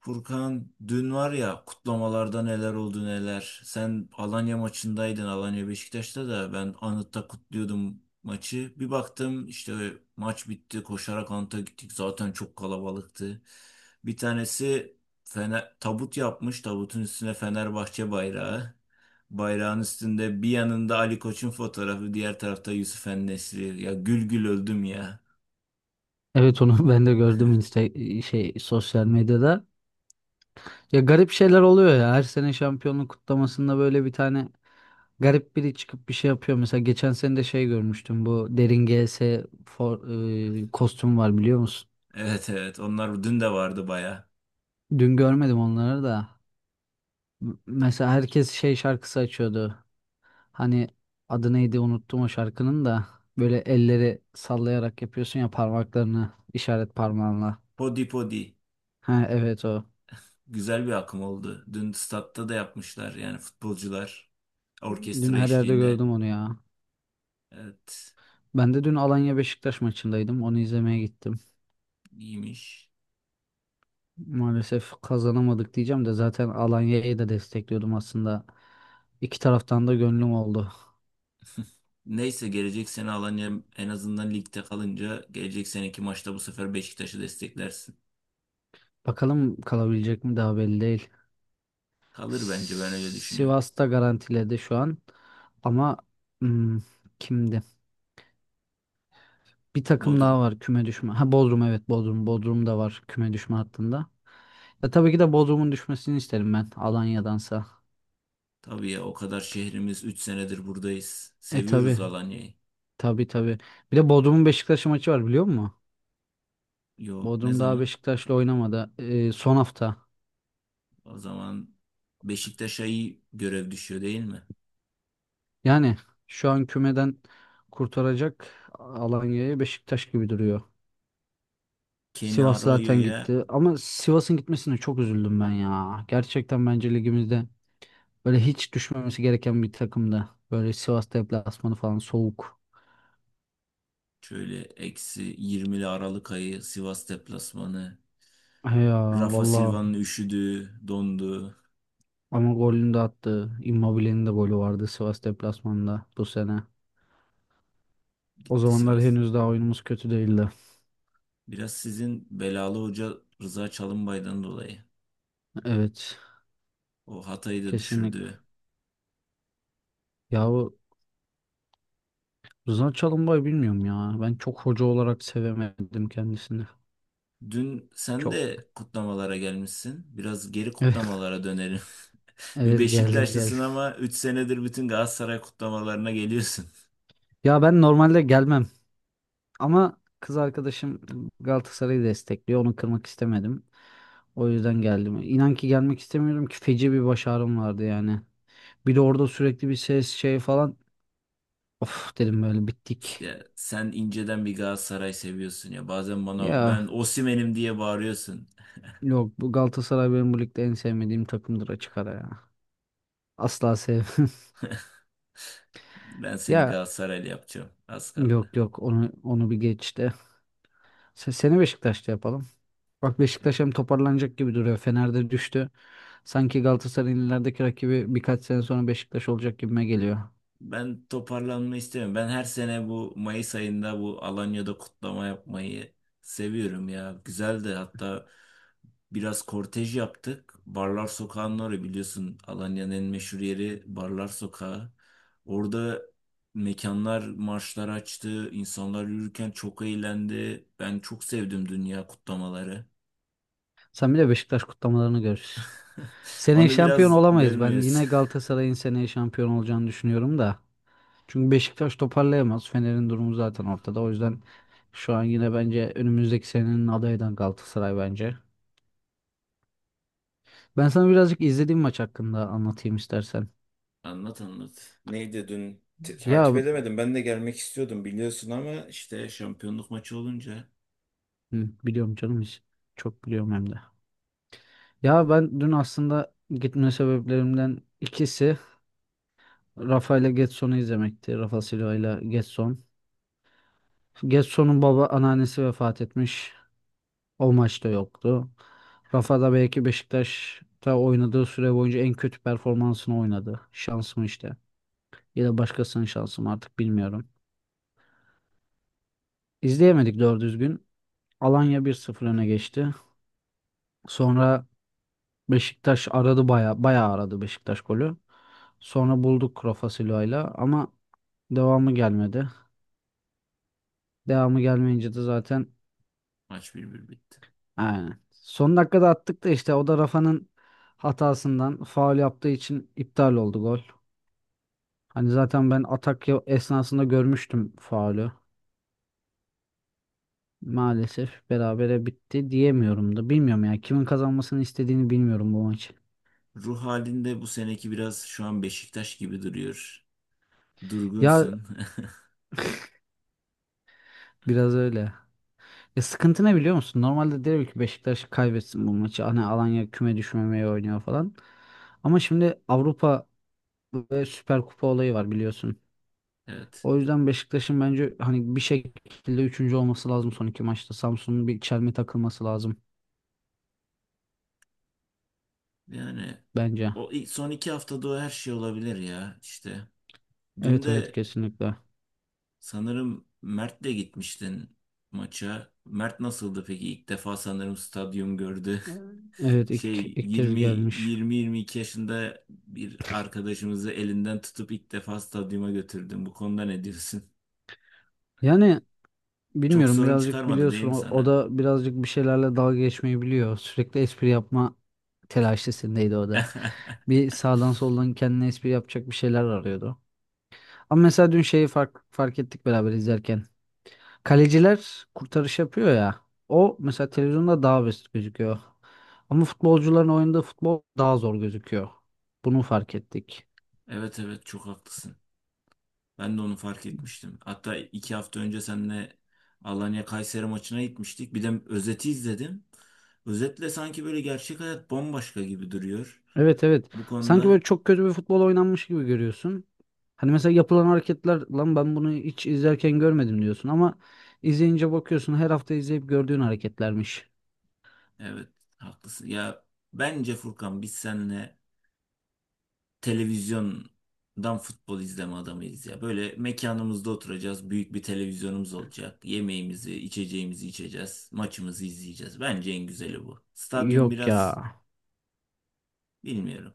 Furkan dün var ya kutlamalarda neler oldu neler. Sen Alanya maçındaydın, Alanya Beşiktaş'ta da ben Anıt'ta kutluyordum maçı. Bir baktım işte maç bitti, koşarak Anıt'a gittik, zaten çok kalabalıktı. Bir tanesi fener, tabut yapmış, tabutun üstüne Fenerbahçe bayrağı. Bayrağın üstünde bir yanında Ali Koç'un fotoğrafı, diğer tarafta Yusuf en... Ya, gül gül öldüm ya. Evet onu ben de gördüm Insta sosyal medyada. Ya garip şeyler oluyor ya. Her sene şampiyonluk kutlamasında böyle bir tane garip biri çıkıp bir şey yapıyor. Mesela geçen sene de şey görmüştüm. Bu Derin GS for, kostüm var biliyor musun? Evet evet, onlar dün de vardı baya. Dün görmedim onları da. Mesela herkes şey şarkısı açıyordu. Hani adı neydi unuttum o şarkının da. Böyle elleri sallayarak yapıyorsun ya parmaklarını işaret parmağınla. Podi podi. Ha evet o. Güzel bir akım oldu. Dün statta da yapmışlar, yani futbolcular Dün orkestra her yerde eşliğinde. gördüm onu ya. Evet, Ben de dün Alanya Beşiktaş maçındaydım. Onu izlemeye gittim. iyiymiş. Maalesef kazanamadık diyeceğim de zaten Alanya'yı da destekliyordum aslında. İki taraftan da gönlüm oldu. Neyse, gelecek sene Alanya en azından ligde kalınca gelecek seneki maçta bu sefer Beşiktaş'ı desteklersin. Bakalım kalabilecek mi daha belli değil. Kalır bence, ben öyle düşünüyorum. Sivas'ta garantiledi şu an. Ama hmm, kimdi? Bir takım daha Bodrum. var küme düşme. Ha Bodrum evet Bodrum. Bodrum da var küme düşme hattında. Ya tabii ki de Bodrum'un düşmesini isterim ben Alanya'dansa. Tabii ya, o kadar şehrimiz, 3 senedir buradayız. E tabii Seviyoruz Alanya'yı. tabii tabii. Bir de Bodrum'un Beşiktaş'ı maçı var biliyor musun? Yok, ne Bodrum daha zaman? Beşiktaş'la oynamadı. Son hafta. O zaman Beşiktaş'a iyi görev düşüyor değil mi? Yani şu an kümeden kurtaracak Alanya'ya Beşiktaş gibi duruyor. Kenny Sivas zaten Arroyo'ya... gitti. Ama Sivas'ın gitmesine çok üzüldüm ben ya. Gerçekten bence ligimizde böyle hiç düşmemesi gereken bir takımdı. Böyle Sivas deplasmanı falan soğuk. Şöyle eksi 20'li Aralık ayı Sivas deplasmanı. He ya Rafa valla. Silva'nın üşüdü, dondu. Ama golünü de attı. Immobile'nin de golü vardı Sivas deplasmanında bu sene. O Gitti zamanlar Sivas. henüz daha oyunumuz kötü değildi. Biraz sizin belalı hoca Rıza Çalınbay'dan dolayı. Evet. O Hatay'ı da Kesinlikle. düşürdü. Ya Rıza Çalımbay bilmiyorum ya. Ben çok hoca olarak sevemedim kendisini. Dün sen Çok. de kutlamalara gelmişsin. Biraz geri Evet, kutlamalara dönelim. Bir evet, geldim geldim. Beşiktaşlısın ama 3 senedir bütün Galatasaray kutlamalarına geliyorsun. Ya ben normalde gelmem ama kız arkadaşım Galatasaray'ı destekliyor. Onu kırmak istemedim. O yüzden geldim. İnan ki gelmek istemiyorum ki feci bir baş ağrım vardı yani. Bir de orada sürekli bir ses şey falan. Of Ya, dedim böyle bittik. ya sen inceden bir Galatasaray seviyorsun ya. Bazen bana Ya ben Osimhen'im diye bağırıyorsun. yok bu Galatasaray benim bu ligde en sevmediğim takımdır açık ara ya. Asla sevmem. Ben seni Ya Galatasaraylı yapacağım. Az yok kaldı. yok onu bir geçti. Seni Beşiktaş'ta yapalım. Bak Beşiktaş hem toparlanacak gibi duruyor. Fener'de düştü. Sanki Galatasaray'ın ilerideki rakibi birkaç sene sonra Beşiktaş olacak gibime geliyor. Ben toparlanma istemiyorum. Ben her sene bu Mayıs ayında bu Alanya'da kutlama yapmayı seviyorum ya. Güzeldi, hatta biraz kortej yaptık. Barlar Sokağı'nın orayı biliyorsun, Alanya'nın en meşhur yeri Barlar Sokağı. Orada mekanlar marşlar açtı. İnsanlar yürürken çok eğlendi. Ben çok sevdim dünya kutlamaları. Sen bir de Beşiktaş kutlamalarını görürsün. Seneye Onu şampiyon biraz olamayız. Ben görmüyoruz. yine Galatasaray'ın seneye şampiyon olacağını düşünüyorum da. Çünkü Beşiktaş toparlayamaz. Fener'in durumu zaten ortada. O yüzden şu an yine bence önümüzdeki senenin adayı da Galatasaray bence. Ben sana birazcık izlediğim maç hakkında anlatayım istersen. Anlat anlat. Neydi dün? Ya Takip edemedim. Ben de gelmek istiyordum biliyorsun, ama işte şampiyonluk maçı olunca... hı, biliyorum canım hiç. Çok biliyorum hem de. Ya ben dün aslında gitme sebeplerimden ikisi Rafa ile Getson'u izlemekti. Rafa Silva ile Getson. Getson'un baba anneannesi vefat etmiş. O maçta yoktu. Rafa da belki Beşiktaş'ta oynadığı süre boyunca en kötü performansını oynadı. Şans mı işte. Ya da başkasının şansı mı artık bilmiyorum. İzleyemedik doğru düzgün. Alanya bir sıfır öne geçti. Sonra Beşiktaş aradı baya baya aradı Beşiktaş golü. Sonra bulduk Rafa Silva'yla ama devamı gelmedi. Devamı gelmeyince de zaten Maç 1-1 bitti. aynen. Son dakikada attık da işte o da Rafa'nın hatasından faul yaptığı için iptal oldu gol. Hani zaten ben atak esnasında görmüştüm faulü. Maalesef berabere bitti diyemiyorum da. Bilmiyorum ya kimin kazanmasını istediğini bilmiyorum bu maçı. Ruh halinde bu seneki biraz şu an Beşiktaş gibi duruyor. Ya Durgunsun. biraz öyle. Ya sıkıntı ne biliyor musun? Normalde derim ki Beşiktaş kaybetsin bu maçı. Hani Alanya küme düşmemeye oynuyor falan. Ama şimdi Avrupa ve Süper Kupa olayı var biliyorsun. Evet. O yüzden Beşiktaş'ın bence hani bir şekilde üçüncü olması lazım son iki maçta. Samsun'un bir çelme takılması lazım Yani bence. o son iki haftada o her şey olabilir ya işte. Dün Evet evet de kesinlikle. sanırım Mert'le gitmiştin maça. Mert nasıldı peki? İlk defa sanırım stadyum gördü. Evet evet, ilk kez 20 gelmiş. 20 22 yaşında bir arkadaşımızı elinden tutup ilk defa stadyuma götürdüm. Bu konuda ne diyorsun? Yani Çok bilmiyorum sorun birazcık çıkarmadı değil biliyorsun mi o sana? da birazcık bir şeylerle dalga geçmeyi biliyor. Sürekli espri yapma telaşesindeydi o da. Bir sağdan soldan kendine espri yapacak bir şeyler arıyordu. Ama mesela dün şeyi fark ettik beraber izlerken. Kaleciler kurtarış yapıyor ya. O mesela televizyonda daha basit gözüküyor. Ama futbolcuların oynadığı futbol daha zor gözüküyor. Bunu fark ettik. Evet evet, çok haklısın. Ben de onu fark etmiştim. Hatta iki hafta önce seninle Alanya Kayseri maçına gitmiştik. Bir de özeti izledim. Özetle sanki böyle gerçek hayat bambaşka gibi duruyor. Evet evet. Bu Sanki konuda böyle çok kötü bir futbol oynanmış gibi görüyorsun. Hani mesela yapılan hareketler lan ben bunu hiç izlerken görmedim diyorsun ama izleyince bakıyorsun her hafta izleyip gördüğün hareketlermiş. evet, haklısın. Ya bence Furkan, biz seninle televizyondan futbol izleme adamıyız ya. Böyle mekanımızda oturacağız. Büyük bir televizyonumuz olacak. Yemeğimizi, içeceğimizi içeceğiz. Maçımızı izleyeceğiz. Bence en güzeli bu. Stadyum Yok ya. biraz bilmiyorum.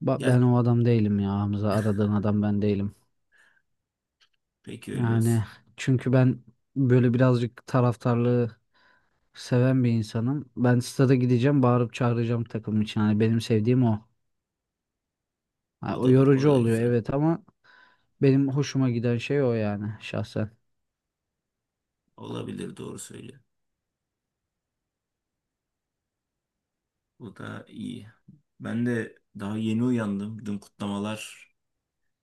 Ben Ya o adam değilim ya Hamza. Aradığın adam ben değilim. peki, öyle Yani olsun. çünkü ben böyle birazcık taraftarlığı seven bir insanım. Ben stada gideceğim, bağırıp çağıracağım takım için. Hani benim sevdiğim o. Ha, O o da o yorucu da oluyor güzel. evet ama benim hoşuma giden şey o yani şahsen. Olabilir, doğru söylüyor. Bu da iyi. Ben de daha yeni uyandım. Dün kutlamalar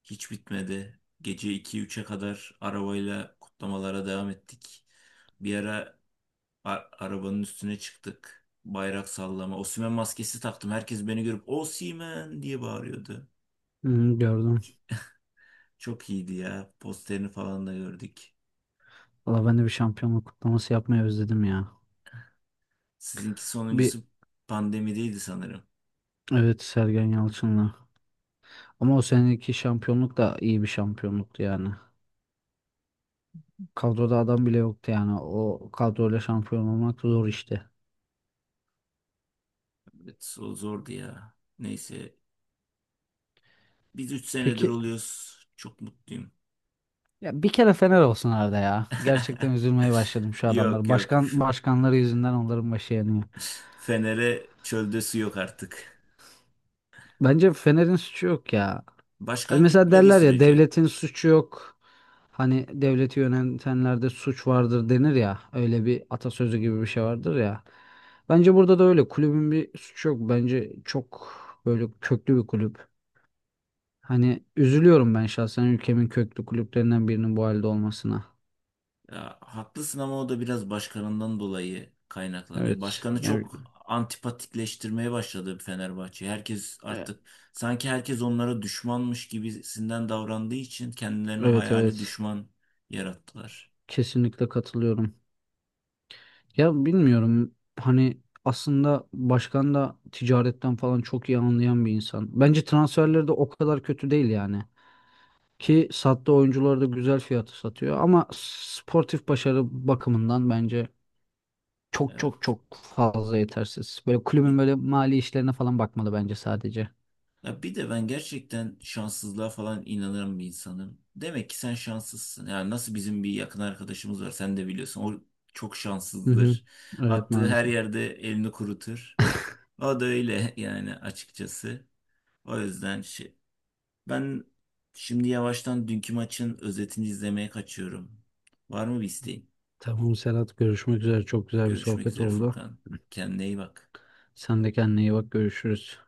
hiç bitmedi. Gece iki üçe kadar arabayla kutlamalara devam ettik. Bir ara arabanın üstüne çıktık. Bayrak sallama. Osimhen maskesi taktım. Herkes beni görüp Osimhen diye bağırıyordu. Hmm, gördüm. Çok iyiydi ya. Posterini falan da gördük. Valla ben de bir şampiyonluk kutlaması yapmayı özledim ya. Sizinki Bir sonuncusu pandemideydi sanırım. evet Sergen Yalçın'la. Ama o seneki şampiyonluk da iyi bir şampiyonluktu yani. Kadroda adam bile yoktu yani. O kadroyla şampiyon olmak zor işte. Evet, o zordu ya. Neyse. Biz 3 senedir Peki oluyoruz. Çok mutluyum. ya bir kere Fener olsun arada ya. Gerçekten üzülmeye başladım şu Yok adamları. yok. Başkan başkanları yüzünden onların başı yanıyor. Fener'e çölde su yok artık. Bence Fener'in suçu yok ya. Hani Başkan mesela gitmediği derler ya sürece. devletin suçu yok. Hani devleti yönetenlerde suç vardır denir ya. Öyle bir atasözü gibi bir şey vardır ya. Bence burada da öyle. Kulübün bir suçu yok. Bence çok böyle köklü bir kulüp. Hani üzülüyorum ben şahsen ülkemin köklü kulüplerinden birinin bu halde olmasına. Ya haklısın, ama o da biraz başkanından dolayı kaynaklanıyor. Evet. Başkanı çok antipatikleştirmeye başladı Fenerbahçe. Herkes e, artık sanki herkes onlara düşmanmış gibisinden davrandığı için kendilerine evet hayali evet. düşman yarattılar. Kesinlikle katılıyorum. Ya bilmiyorum hani aslında başkan da ticaretten falan çok iyi anlayan bir insan. Bence transferleri de o kadar kötü değil yani. Ki sattığı oyuncuları da güzel fiyatı satıyor ama sportif başarı bakımından bence çok çok Evet. çok fazla yetersiz. Böyle kulübün Bir, böyle mali işlerine falan bakmalı bence sadece. ya bir de ben gerçekten şanssızlığa falan inanan bir insanım. Demek ki sen şanssızsın. Yani nasıl, bizim bir yakın arkadaşımız var sen de biliyorsun. O çok Hı hı. şanssızdır. Evet Attığı her maalesef. yerde elini kurutur. O da öyle yani, açıkçası. O yüzden ben şimdi yavaştan dünkü maçın özetini izlemeye kaçıyorum. Var mı bir isteğin? Tamam Serhat görüşmek üzere. Çok güzel bir Görüşmek sohbet üzere oldu. Furkan. Kendine iyi bak. Sen de kendine iyi bak görüşürüz.